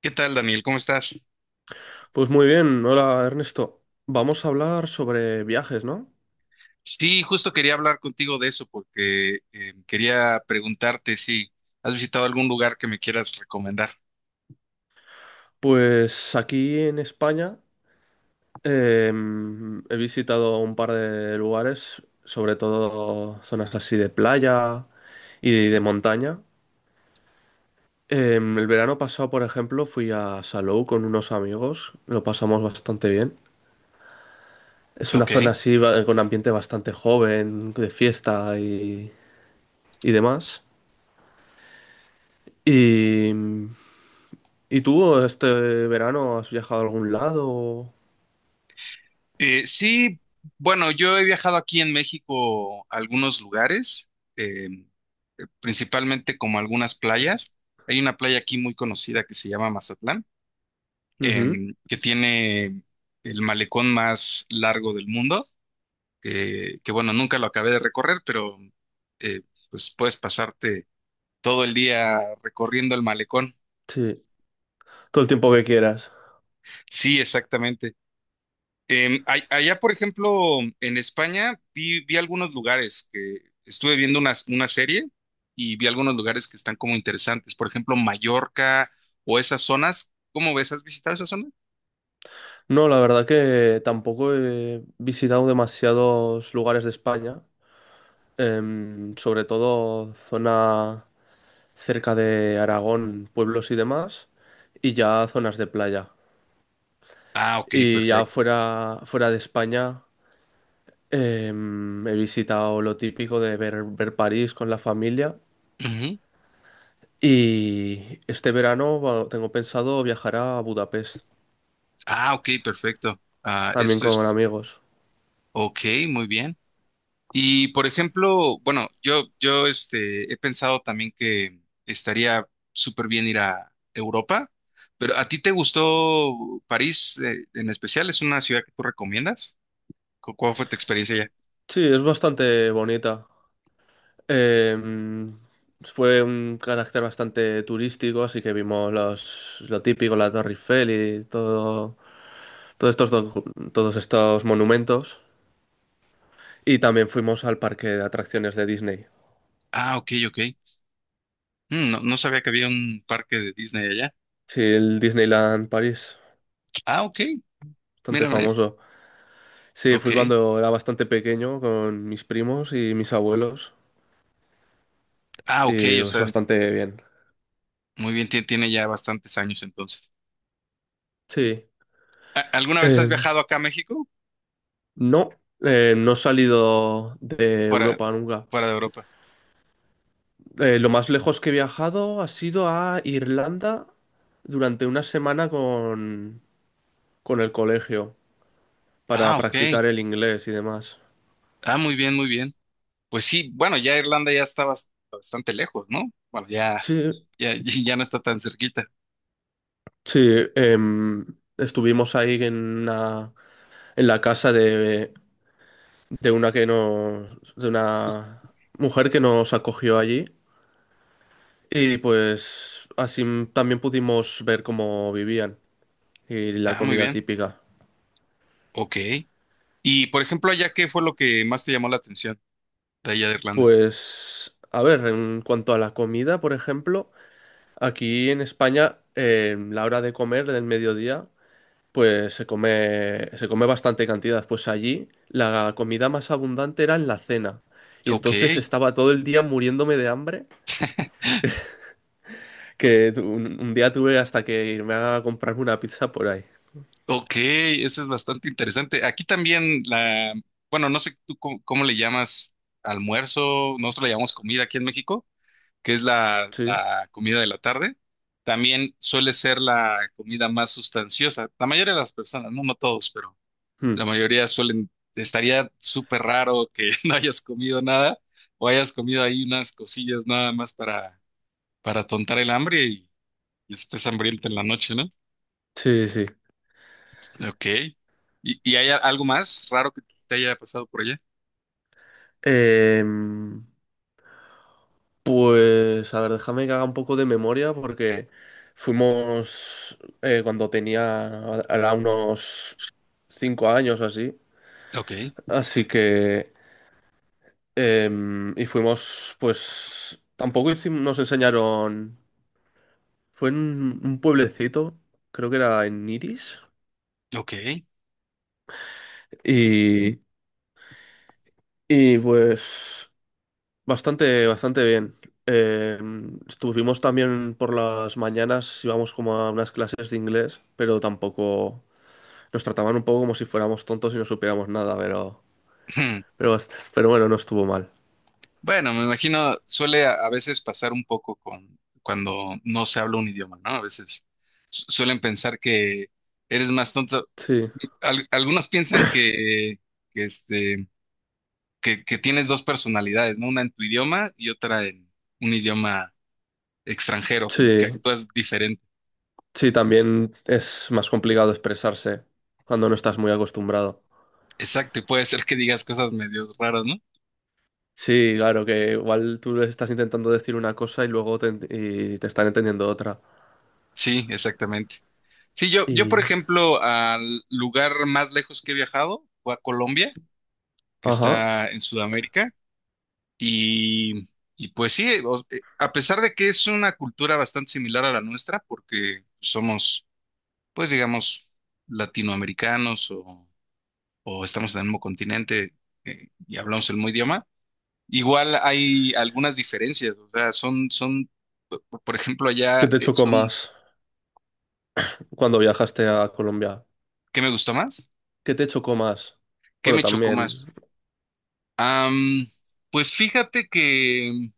¿Qué tal, Daniel? ¿Cómo estás? Pues muy bien, hola Ernesto. Vamos a hablar sobre viajes, ¿no? Sí, justo quería hablar contigo de eso porque quería preguntarte si has visitado algún lugar que me quieras recomendar. Pues aquí en España he visitado un par de lugares, sobre todo zonas así de playa y de montaña. El verano pasado, por ejemplo, fui a Salou con unos amigos, lo pasamos bastante bien. Es una Ok. zona así con ambiente bastante joven, de fiesta y demás. Y ¿Y tú este verano has viajado a algún lado? Sí, bueno, yo he viajado aquí en México a algunos lugares, eh, principalmente como algunas playas. Hay una playa aquí muy conocida que se llama Mazatlán, Ujú. Que tiene el malecón más largo del mundo, que, bueno, nunca lo acabé de recorrer, pero eh, pues puedes pasarte todo el día recorriendo el malecón. Sí, todo el tiempo que quieras. Sí, exactamente. Allá, por ejemplo, en España, vi algunos lugares que estuve viendo una serie y vi algunos lugares que están como interesantes. Por ejemplo, Mallorca o esas zonas. ¿Cómo ves? ¿Has visitado esas zonas? No, la verdad que tampoco he visitado demasiados lugares de España, sobre todo zona cerca de Aragón, pueblos y demás, y ya zonas de playa. Ah, ok, Y ya perfecto. fuera, fuera de España, he visitado lo típico de ver París con la familia. Ujú. Y este verano bueno, tengo pensado viajar a Budapest, Ah, ok, perfecto. Ah, también esto con es, amigos. ok, muy bien. Y por ejemplo, bueno, yo este, he pensado también que estaría súper bien ir a Europa, pero ¿a ti te gustó París en especial? ¿Es una ciudad que tú recomiendas? ¿Cuál fue tu experiencia allá? Sí, es bastante bonita. Eh, Fue un carácter bastante turístico, así que vimos lo típico, la Torre Eiffel y todo, todos estos, todos estos monumentos. Y también fuimos al parque de atracciones de Disney. Ah, ok, ok. Mm, no, no sabía que había un parque de Disney allá. Sí, el Disneyland París, Ah, ok, bastante mírame, famoso. Sí, ok. fui cuando era bastante pequeño con mis primos y mis abuelos Ah, y ok, o es sea, bastante bien. muy bien, tiene ya bastantes años entonces. Sí. ¿Alguna vez has Eh, viajado acá a México? no, no he salido de Para, Europa nunca. para Europa. Lo más lejos que he viajado ha sido a Irlanda durante una semana con el colegio para Ah, ok. practicar el inglés y demás. Ah, muy bien, muy bien. Pues sí, bueno, ya Irlanda ya está bastante lejos, ¿no? Bueno, ya, Sí, ya, ya no está tan cerquita. sí, em, estuvimos ahí en en la casa de una mujer que nos acogió allí y pues así también pudimos ver cómo vivían. Y la Ah, muy comida bien. típica. Ok. Y por ejemplo, allá, ¿qué fue lo que más te llamó la atención de allá de Irlanda? Pues, a ver, en cuanto a la comida, por ejemplo, aquí en España, la hora de comer del mediodía, pues se come bastante cantidad. Pues allí la comida más abundante era en la cena. Y Ok, entonces estaba todo el día muriéndome de hambre, que un día tuve hasta que irme a comprarme una pizza por ahí. ok, eso es bastante interesante. Aquí también la, bueno, no sé tú cómo le llamas almuerzo, nosotros le llamamos comida aquí en México, que es Sí. la comida de la tarde. También suele ser la comida más sustanciosa. La mayoría de las personas, no, no todos, pero Mm. la mayoría suelen, estaría súper raro que no hayas comido nada o hayas comido ahí unas cosillas nada más para tontar el hambre y estés hambriento en la noche, ¿no? Sí, sí. Ok. Y, ¿y hay algo más raro que te haya pasado por allá? Em, Pues, a ver, déjame que haga un poco de memoria porque fuimos era unos 5 años o así, Ok, así que, y fuimos, pues, tampoco nos enseñaron, fue en un pueblecito, creo que era en Iris, ok. y, y pues, bastante, bastante bien. Estuvimos también por las mañanas, íbamos como a unas clases de inglés, pero tampoco. Nos trataban un poco como si fuéramos tontos y no supiéramos nada, pero, pero bueno, no estuvo mal. Bueno, me imagino, suele a veces pasar un poco con cuando no se habla un idioma, ¿no? A veces suelen pensar que eres más tonto. Sí, Algunos piensan que este, que tienes dos personalidades, ¿no? Una en tu idioma y otra en un idioma extranjero, como que sí, actúas diferente. sí, también es más complicado expresarse cuando no estás muy acostumbrado. Exacto, y puede ser que digas cosas medio raras, ¿no? Sí, claro, que igual tú les estás intentando decir una cosa y luego te están entendiendo otra. Sí, exactamente. Sí, yo, por Y... ejemplo, al lugar más lejos que he viajado fue a Colombia, que Ajá. está en Sudamérica, y, y pues sí, o- a pesar de que es una cultura bastante similar a la nuestra, porque somos, pues digamos, latinoamericanos o estamos en el mismo continente y hablamos el mismo idioma. Igual hay algunas diferencias, o sea, son, son, p- por ejemplo, ¿Qué allá te chocó son, más cuando viajaste a Colombia? ¿qué me gustó más? ¿Qué te chocó más? ¿Qué Bueno, me chocó más? también. Am, pues fíjate que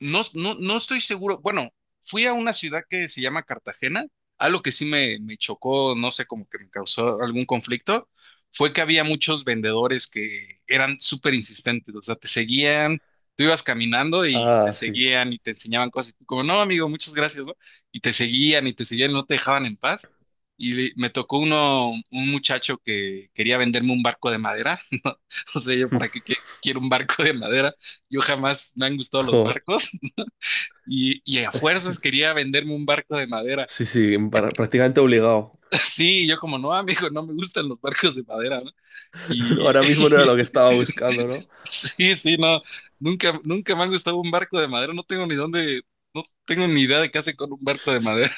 no, no, no estoy seguro. Bueno, fui a una ciudad que se llama Cartagena. Algo que sí me chocó, no sé, como que me causó algún conflicto, fue que había muchos vendedores que eran súper insistentes. O sea, te seguían, tú ibas caminando y te Ah, sí. seguían y te enseñaban cosas. Y tú como, no, amigo, muchas gracias, ¿no? Y te seguían, no te dejaban en paz. Y me tocó uno, un muchacho que quería venderme un barco de madera, ¿no? O sea, yo, ¿para qué quiero un barco de madera? Yo jamás me han gustado los Jo, barcos y a fuerzas quería venderme un barco de madera. sí, sí, prácticamente obligado. Sí, yo como, no, amigo, no me gustan los barcos de madera, ¿no? No. Y Ahora mismo no era lo que estaba buscando, no. sí, sí, no, nunca, nunca me ha gustado un barco de madera, no tengo ni dónde, no tengo ni idea de qué hace con un barco de madera.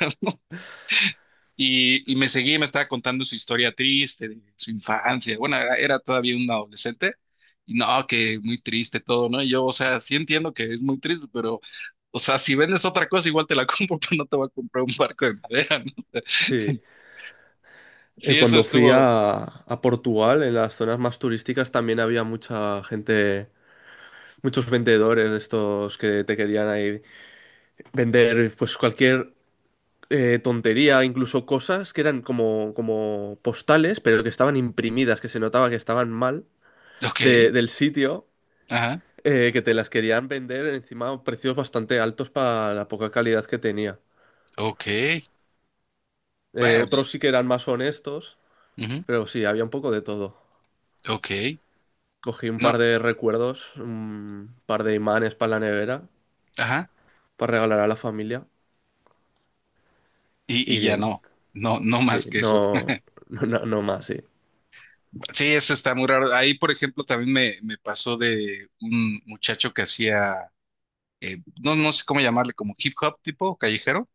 Y me seguía y me estaba contando su historia triste, de su infancia. Bueno, era todavía un adolescente. Y no, que muy triste todo, ¿no? Y yo, o sea, sí entiendo que es muy triste, pero, o sea, si vendes otra cosa, igual te la compro, pero no te voy a comprar un barco de madera, ¿no? Sí. Sí, eso Cuando fui estuvo. a, Portugal, en las zonas más turísticas también había mucha gente, muchos vendedores de estos que te querían ahí vender pues cualquier tontería, incluso cosas que eran como postales, pero que estaban imprimidas, que se notaba que estaban mal Ok, del sitio, ajá, que te las querían vender encima a precios bastante altos para la poca calidad que tenía. ok. Bueno, pues, Otros sí que eran más honestos, ujú, pero sí, había un poco de todo. ok. Cogí un No, par de recuerdos, un par de imanes para la nevera, ajá. para regalar a la familia. Y Y ya bien. no, no, no Sí, más que eso. no, no, no, no más, sí. Sí, eso está muy raro. Ahí, por ejemplo, también me pasó de un muchacho que hacía no, no sé cómo llamarle, como hip hop tipo callejero.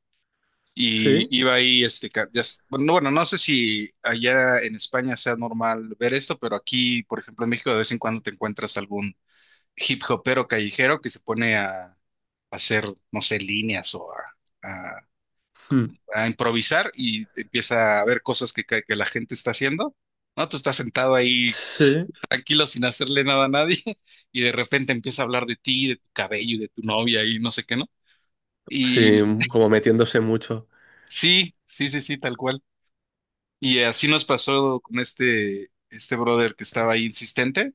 Y Sí, iba ahí, este, ca- ya s- bueno, no- bueno, no sé si allá en España sea normal ver esto, pero aquí, por ejemplo, en México de vez en cuando te encuentras algún hip hopero callejero que se pone a hacer, no sé, líneas o a- hmm, a improvisar y empieza a ver cosas que la gente está haciendo, ¿no? Tú estás sentado ahí sí, tranquilo sin hacerle nada a nadie y de repente empieza a hablar de ti, de tu cabello, y de tu novia y no sé qué, ¿no? sí, como metiéndose mucho. Sí, sí, sí, sí, tal cual. Y así nos pasó con este, brother que estaba ahí insistente.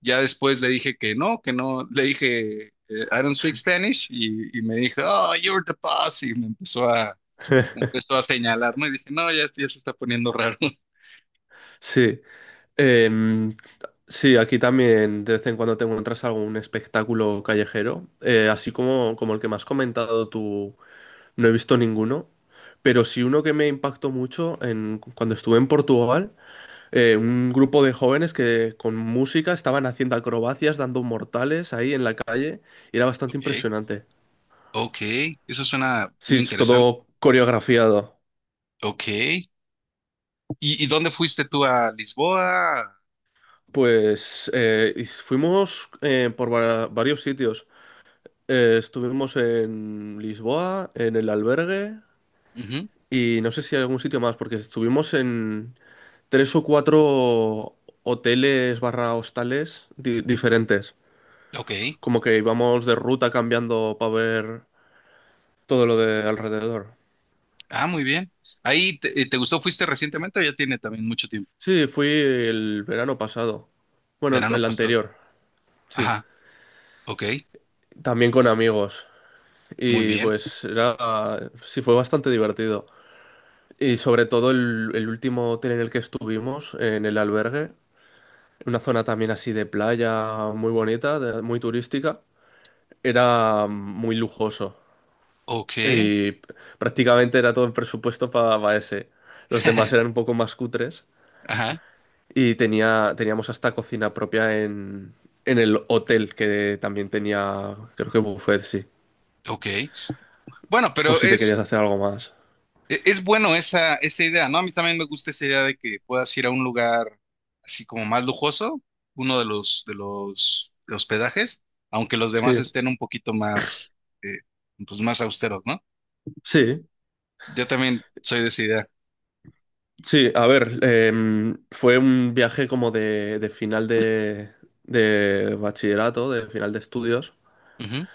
Ya después le dije que no, que no. Le dije, I don't speak Spanish. Y me dijo, oh, you're the boss. Y me empezó a señalarme. Y dije, no, ya, esto ya se está poniendo raro. Sí. Em, sí, aquí también de vez en cuando te encuentras algún espectáculo callejero, así como el que me has comentado tú, no he visto ninguno, pero sí uno que me impactó mucho cuando estuve en Portugal. Eh, un grupo de jóvenes que con música estaban haciendo acrobacias, dando mortales ahí en la calle y era bastante Ok, impresionante. ok. Eso suena Sí, muy es interesante. todo coreografiado. Ok. Y, ¿y dónde fuiste tú a Lisboa? Pues y fuimos por varios sitios. Estuvimos en Lisboa, en el albergue Ujú, y no sé si hay algún sitio más, porque estuvimos en tres o cuatro hoteles barra hostales diferentes. ok. Como que íbamos de ruta cambiando para ver todo lo de alrededor. Ah, muy bien. Ahí, te, ¿te gustó? ¿Fuiste recientemente o ya tiene también mucho tiempo? Sí, fui el verano pasado. Bueno, Verano el pasado. anterior, sí. Ajá. Ok, También con amigos. muy Y bien. pues era, sí, fue bastante divertido. Y sobre todo el último hotel en el que estuvimos, en el albergue, una zona también así de playa muy bonita, muy turística, era muy lujoso. Ok. Y prácticamente era todo el presupuesto para ese. Los demás eran un poco más cutres. Ajá, Y teníamos hasta cocina propia en el hotel, que también tenía, creo que buffet, sí. ok. Bueno, Por pero si te querías es, hacer algo más. Es bueno esa idea, ¿no? A mí también me gusta esa idea de que puedas ir a un lugar así como más lujoso, uno de los hospedajes, aunque los demás Sí, estén un poquito más, eh, pues más austeros, ¿no? sí, Yo también soy de esa idea. sí. A ver, fue un viaje como de, de final de bachillerato, de final de estudios. Ujú.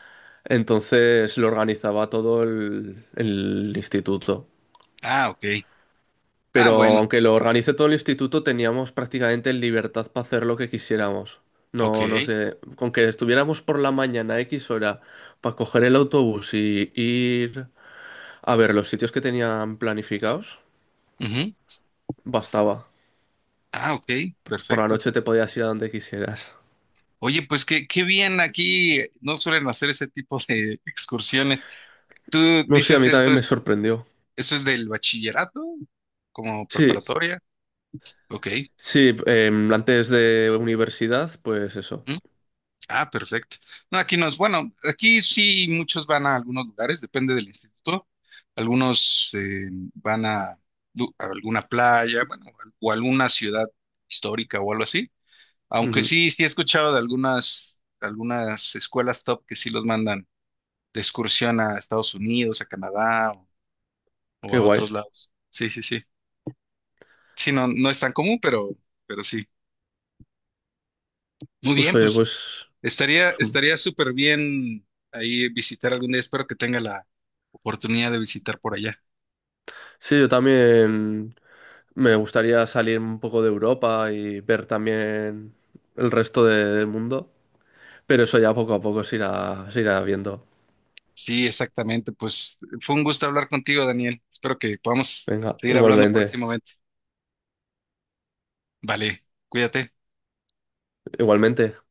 Entonces lo organizaba todo el instituto. Ah, ok. Ah, Pero bueno, aunque lo organice todo el instituto, teníamos prácticamente libertad para hacer lo que quisiéramos. ok. No, no sé, con que estuviéramos por la mañana a X hora para coger el autobús y ir a ver los sitios que tenían planificados, Ujú. bastaba. Ah, ok, Por la perfecto. noche te podías ir a donde quisieras. Oye, pues qué, qué bien aquí, no suelen hacer ese tipo de excursiones. ¿Tú No sé, a dices mí esto también me es, sorprendió. eso es del bachillerato? ¿Como Sí, preparatoria? Ok. sí, antes de universidad, pues eso. ¿Mm? Ah, perfecto. No, aquí no es, bueno, aquí sí muchos van a algunos lugares, depende del instituto. Algunos van a, lu- a alguna playa, bueno, o alguna ciudad histórica o algo así. Aunque Ujú. sí, sí he escuchado de algunas escuelas top que sí los mandan de excursión a Estados Unidos, a Canadá o Qué a guay. otros lados. Sí, sí, sí. Sí, no, no es tan común, pero sí. Muy Pues bien, oye, pues pues, pues, mm. estaría súper bien ahí visitar algún día. Espero que tenga la oportunidad de visitar por allá. Sí, yo también. Me gustaría salir un poco de Europa y ver también el resto del mundo, pero eso ya poco a poco se irá viendo. Sí, exactamente. Pues fue un gusto hablar contigo, Daniel. Espero que podamos Venga, seguir hablando igualmente, próximamente. Vale, cuídate. igualmente.